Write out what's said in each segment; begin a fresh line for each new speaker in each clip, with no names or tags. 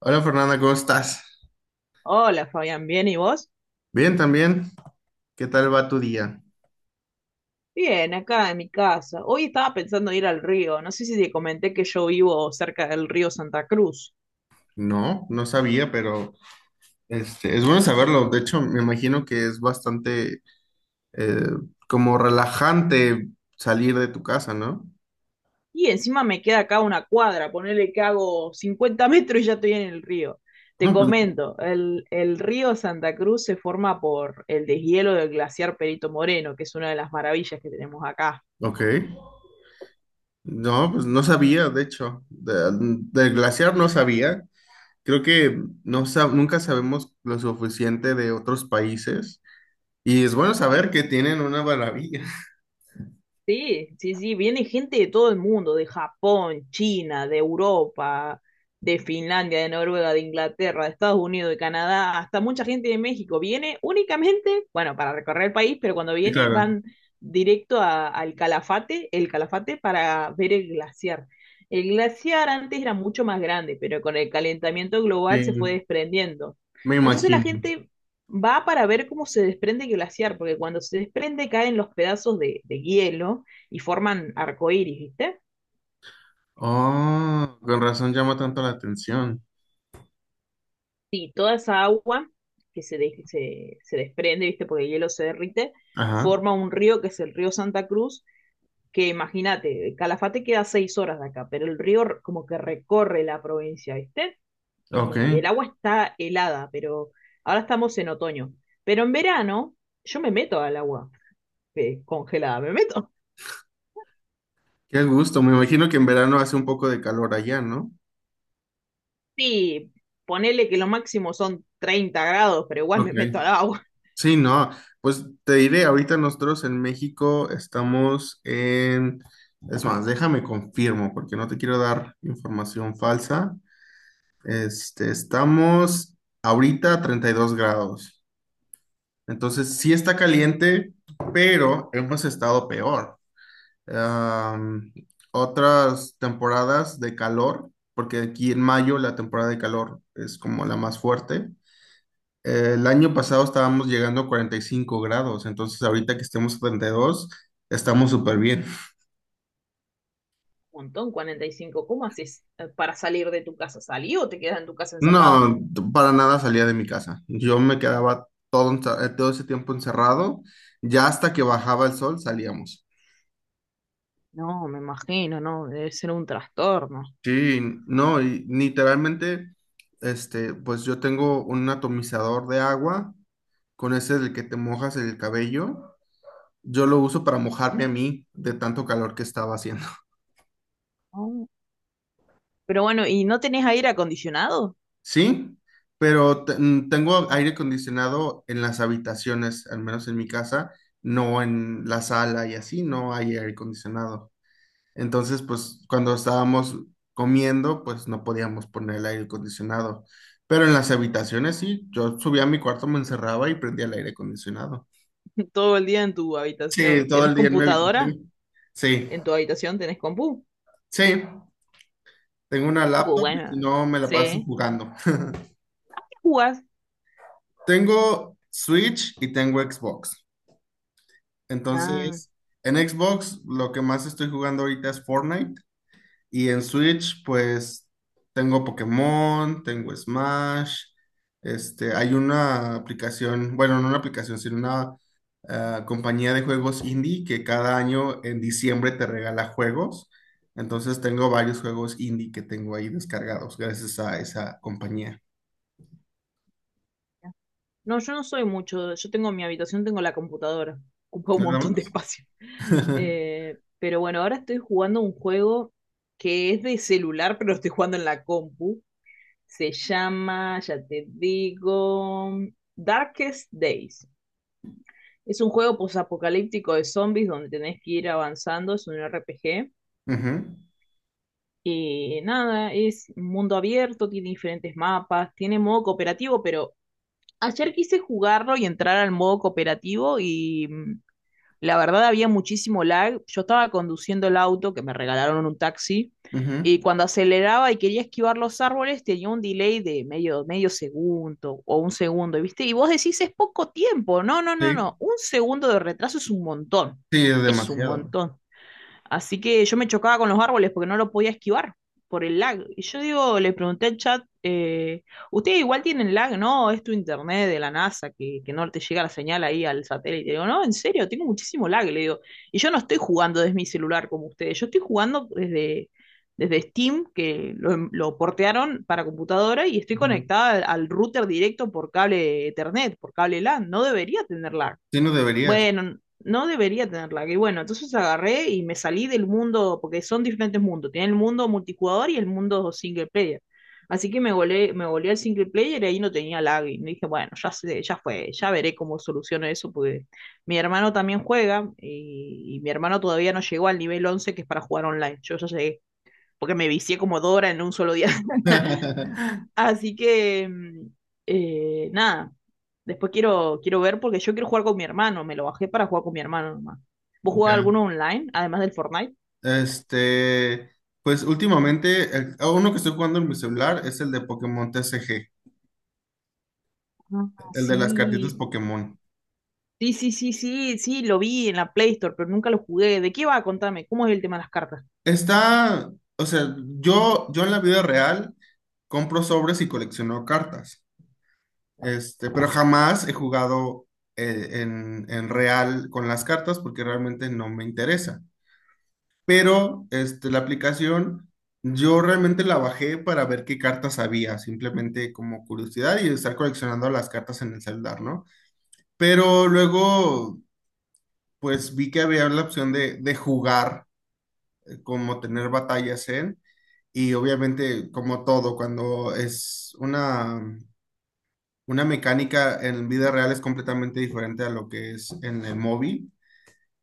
Hola Fernanda, ¿cómo estás?
Hola Fabián, ¿bien y vos?
Bien, también. ¿Qué tal va tu día?
Bien, acá en mi casa. Hoy estaba pensando ir al río. No sé si te comenté que yo vivo cerca del río Santa Cruz.
No, no sabía, pero es bueno saberlo. De hecho, me imagino que es bastante eh, como relajante salir de tu casa, ¿no?
Y encima me queda acá una cuadra, ponele que hago 50 metros y ya estoy en el río. Te
No, pues,
comento, el río Santa Cruz se forma por el deshielo del glaciar Perito Moreno, que es una de las maravillas que tenemos acá.
ok. No, pues no sabía, de hecho. Del glaciar no sabía. Creo que nunca sabemos lo suficiente de otros países. Y es bueno saber que tienen una maravilla.
Sí, sí, sí, viene gente de todo el mundo, de Japón, China, de Europa, de Finlandia, de Noruega, de Inglaterra, de Estados Unidos, de Canadá, hasta mucha gente de México. Viene únicamente, bueno, para recorrer el país, pero cuando
Sí,
viene
claro.
van al Calafate, el Calafate para ver el glaciar. El glaciar antes era mucho más grande, pero con el calentamiento global se fue
Sí,
desprendiendo.
me
Entonces la
imagino.
gente va para ver cómo se desprende el glaciar, porque cuando se desprende caen los pedazos de hielo y forman arcoíris, ¿viste?
Oh, con razón llama tanto la atención.
Y toda esa agua que se desprende, ¿viste? Porque el hielo se derrite,
Ajá.
forma un río que es el río Santa Cruz, que imagínate, Calafate queda seis horas de acá, pero el como que recorre la provincia, ¿viste?
Ok.
Y el agua está helada, pero ahora estamos en otoño. Pero en verano yo me meto al agua congelada, me meto.
Qué gusto. Me imagino que en verano hace un poco de calor allá, ¿no?
Sí, ponele que lo máximo son 30 grados, pero igual
Ok.
me meto al agua.
Sí, no. Pues te diré, ahorita nosotros en México estamos en... Es más, déjame confirmo porque no te quiero dar información falsa. Estamos ahorita a 32 grados. Entonces, sí está caliente, pero hemos estado peor. Am, Otras temporadas de calor, porque aquí en mayo la temporada de calor es como la más fuerte. El año pasado estábamos llegando a 45 grados, entonces ahorita que estemos a 32 estamos súper bien.
Un montón, 45. ¿Cómo haces para salir de tu casa? ¿Salí o te quedas en tu casa encerrado?
No, para nada salía de mi casa. Yo me quedaba todo, todo ese tiempo encerrado. Ya hasta que bajaba el sol salíamos.
No, me imagino, no, debe ser un trastorno.
Sí, no, y literalmente, pues yo tengo un atomizador de agua, con ese del que te mojas el cabello. Yo lo uso para mojarme a mí de tanto calor que estaba haciendo.
No. Pero bueno, ¿y no tenés aire acondicionado
Sí, pero tengo aire acondicionado en las habitaciones, al menos en mi casa, no en la sala y así no hay aire acondicionado. Entonces, pues cuando estábamos comiendo, pues no podíamos poner el aire acondicionado. Pero en las habitaciones sí, yo subía a mi cuarto, me encerraba y prendía el aire acondicionado.
todo el día en tu
Sí,
habitación?
todo
¿Tenés
el día en mi
computadora
habitación. Sí,
en tu habitación? ¿Tenés compu?
sí, tengo una laptop y si
Bueno,
no me la paso
sí.
jugando.
¿Qué jugás?
Tengo Switch y tengo Xbox.
Ah,
Entonces, en Xbox lo que más estoy jugando ahorita es Fortnite. Y en Switch, pues tengo Pokémon, tengo Smash, hay una aplicación, bueno, no una aplicación, sino una compañía de juegos indie que cada año en diciembre te regala juegos. Entonces tengo varios juegos indie que tengo ahí descargados gracias a esa compañía.
no, yo no soy mucho. Yo tengo mi habitación, tengo la computadora. Ocupa un
Nada
montón de
más.
espacio. Pero bueno, ahora estoy jugando un juego que es de celular, pero lo estoy jugando en la compu. Se llama, ya te digo, Darkest Days. Es un juego posapocalíptico de zombies donde tenés que ir avanzando. Es un RPG.
Ujú,
Y nada, es un mundo abierto, tiene diferentes mapas, tiene modo cooperativo, pero ayer quise jugarlo y entrar al modo cooperativo y la verdad había muchísimo lag. Yo estaba conduciendo el auto, que me regalaron en un taxi, y
ujú.
cuando aceleraba y quería esquivar los árboles tenía un delay de medio, medio segundo o un segundo, ¿viste? Y vos decís, es poco tiempo. No, no, no,
Sí,
no. Un segundo de retraso es un montón.
sí, es
Es un
demasiado.
montón. Así que yo me chocaba con los árboles porque no lo podía esquivar por el lag. Y yo digo, le pregunté al chat, ustedes igual tienen lag, ¿no? Es tu internet de la NASA que no te llega la señal ahí al satélite. Digo, no, en serio, tengo muchísimo lag, le digo. Y yo no estoy jugando desde mi celular como ustedes, yo estoy jugando desde Steam, que lo portearon para computadora y estoy
Ujú.
conectada al router directo por cable Ethernet, por cable LAN. No debería tener lag.
Sí, no deberías.
Bueno, no debería tener lag. Y bueno, entonces agarré y me salí del mundo, porque son diferentes mundos. Tiene el mundo multijugador y el mundo single player. Así que me volé al single player y ahí no tenía lag. Y dije, bueno, ya sé, ya fue, ya veré cómo soluciono eso, porque mi hermano también juega y mi hermano todavía no llegó al nivel 11 que es para jugar online. Yo ya llegué, porque me vicié como Dora en un solo día. Así que, nada, después quiero ver porque yo quiero jugar con mi hermano, me lo bajé para jugar con mi hermano nomás. ¿Vos jugás
Ya.
alguno online, además del Fortnite?
Este, pues últimamente, a uno que estoy jugando en mi celular es el de Pokémon TCG,
Ah,
el de las cartitas
sí.
Pokémon.
Sí, sí, sí, sí, sí, lo vi en la Play Store, pero nunca lo jugué. ¿De qué va? Contame, ¿cómo es el tema de las cartas?
Está, o sea, yo en la vida real compro sobres y colecciono cartas, pero jamás he jugado en real con las cartas porque realmente no me interesa. Pero, la aplicación, yo realmente la bajé para ver qué cartas había, simplemente como curiosidad y estar coleccionando las cartas en el celular, ¿no? Pero luego, pues vi que había la opción de jugar, como tener batallas en, y obviamente, como todo, cuando es una mecánica en vida real es completamente diferente a lo que es en el móvil.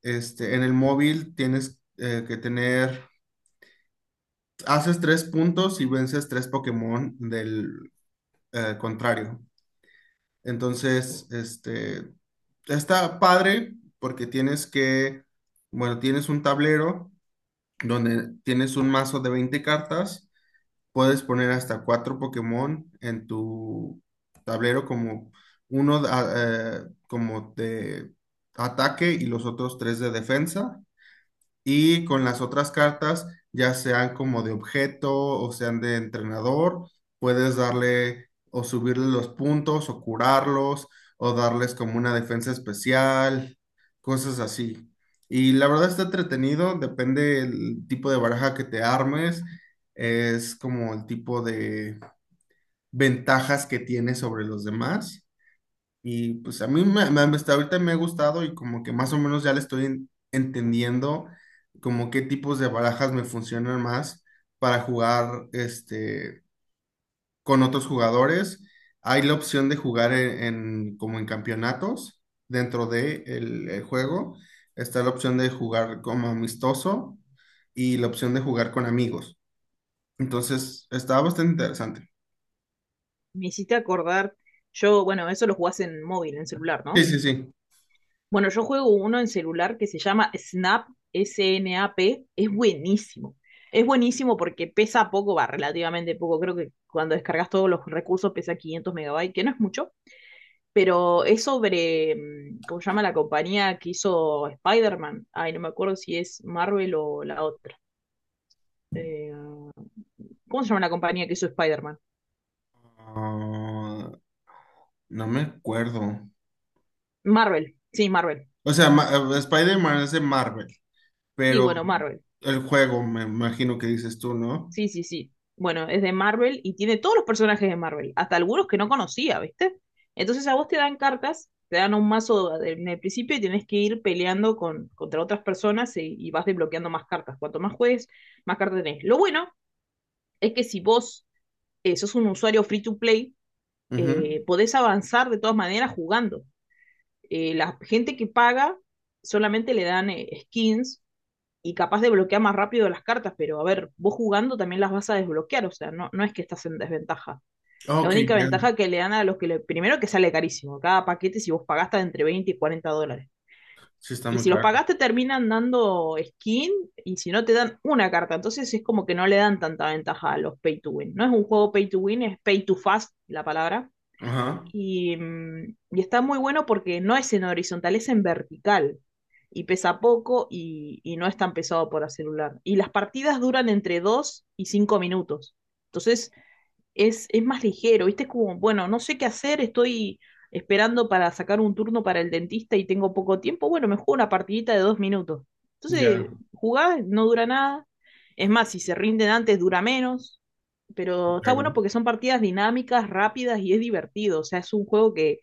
En el móvil tienes haces tres puntos y vences tres Pokémon del contrario. Entonces, está padre porque tienes que, bueno, tienes un tablero donde tienes un mazo de 20 cartas, puedes poner hasta cuatro Pokémon en tu tablero como uno como de ataque y los otros tres de defensa y con las otras cartas, ya sean como de objeto o sean de entrenador, puedes darle o subirle los puntos o curarlos o darles como una defensa especial, cosas así. Y la verdad está entretenido, depende del tipo de baraja que te armes, es como el tipo de ventajas que tienes sobre los demás. Y pues a mí hasta ahorita me ha gustado y como que más o menos ya le estoy entendiendo como qué tipos de barajas me funcionan más para jugar con otros jugadores. Hay la opción de jugar como en campeonatos dentro de el juego. Está la opción de jugar como amistoso y la opción de jugar con amigos. Entonces, está bastante interesante.
Me hiciste acordar, yo, bueno, eso lo jugás en móvil, en celular,
Sí,
¿no?
sí, sí.
Bueno, yo juego uno en celular que se llama Snap, S-N-A-P, es buenísimo. Es buenísimo porque pesa poco, va, relativamente poco. Creo que cuando descargas todos los recursos pesa 500 megabytes, que no es mucho, pero es sobre, ¿cómo se llama la compañía que hizo Spider-Man? Ay, no me acuerdo si es Marvel o la otra. Eh, ¿Cómo se llama la compañía que hizo Spider-Man?
Ah, no me acuerdo.
Marvel.
O sea, Spider-Man es de Marvel,
Sí,
pero
bueno, Marvel.
el juego, me imagino que dices tú, ¿no?
Sí, sí, sí. Bueno, es de Marvel y tiene todos los personajes de Marvel, hasta algunos que no conocía, ¿viste? Entonces a vos te dan cartas, te dan un en el principio y tenés que ir peleando contra otras personas y vas desbloqueando más cartas. Cuanto más juegues, más cartas tenés. Lo bueno es que si vos sos un usuario free to play,
Ujú.
podés avanzar de todas maneras jugando. La gente que paga solamente le dan skins y capaz de bloquear más rápido las cartas, pero a ver, vos jugando también las vas a desbloquear, o sea, no, no es que estás en desventaja. La
Ok,
única
ya.
ventaja que le dan a los que le... Primero que sale carísimo, cada paquete si vos pagaste entre 20 y 40 dólares.
Sí está
Y
muy
si los
caro.
pagaste terminan dando skin y si no te dan una carta, entonces es como que no le dan tanta ventaja a los pay to win. No es un juego pay to win, es pay to fast la palabra,
Ajá.
y, y está muy bueno porque no es en horizontal, es en vertical y pesa poco y no es tan pesado para celular. Y las partidas duran entre 2 y 5 minutos. Entonces, es más ligero, ¿viste? Es como, bueno, no sé qué hacer, estoy esperando para sacar un turno para el dentista y tengo poco tiempo, bueno, me juego una partidita de 2 minutos. Entonces,
Ya,
jugás, no dura nada. Es más, si se rinden antes, dura menos. Pero está bueno
claro.
porque son partidas dinámicas, rápidas y es divertido. O sea, es un juego que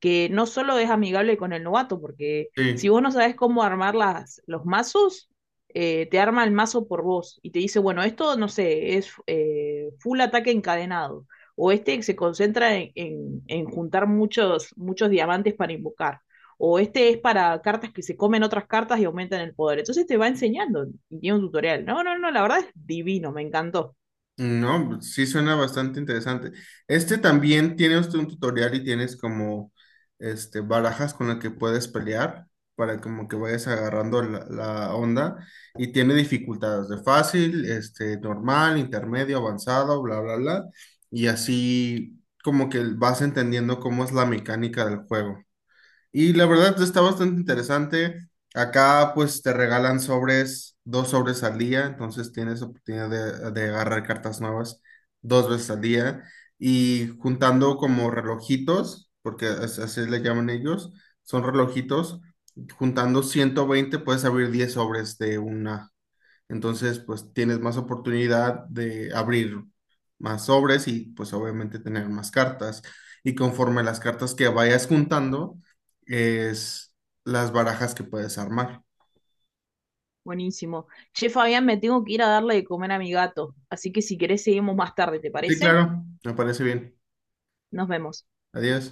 que no solo es amigable con el novato, porque si
Sí.
vos no sabes cómo armar los mazos, te arma el mazo por vos y te dice, bueno, esto, no sé, es full ataque encadenado, o este se concentra en juntar muchos, muchos diamantes para invocar, o este es para cartas que se comen otras cartas y aumentan el poder. Entonces te va enseñando y tiene un tutorial. No, no, no, la verdad es divino, me encantó.
No, pues, sí suena bastante interesante. Este también tiene usted un tutorial y tienes como este barajas con las que puedes pelear para como que vayas agarrando la onda y tiene dificultades de fácil, este normal, intermedio, avanzado, bla, bla, bla. Y así como que vas entendiendo cómo es la mecánica del juego. Y la verdad está bastante interesante. Acá pues te regalan sobres, dos sobres al día, entonces tienes oportunidad de agarrar cartas nuevas dos veces al día y juntando como relojitos, porque así le llaman ellos, son relojitos, juntando 120 puedes abrir 10 sobres de una. Entonces, pues tienes más oportunidad de abrir más sobres y pues obviamente tener más cartas. Y conforme las cartas que vayas juntando, es las barajas que puedes armar.
Buenísimo. Che, Fabián, me tengo que ir a darle de comer a mi gato, así que si querés seguimos más tarde, ¿te
Sí,
parece?
claro, me parece bien.
Nos vemos.
Adiós.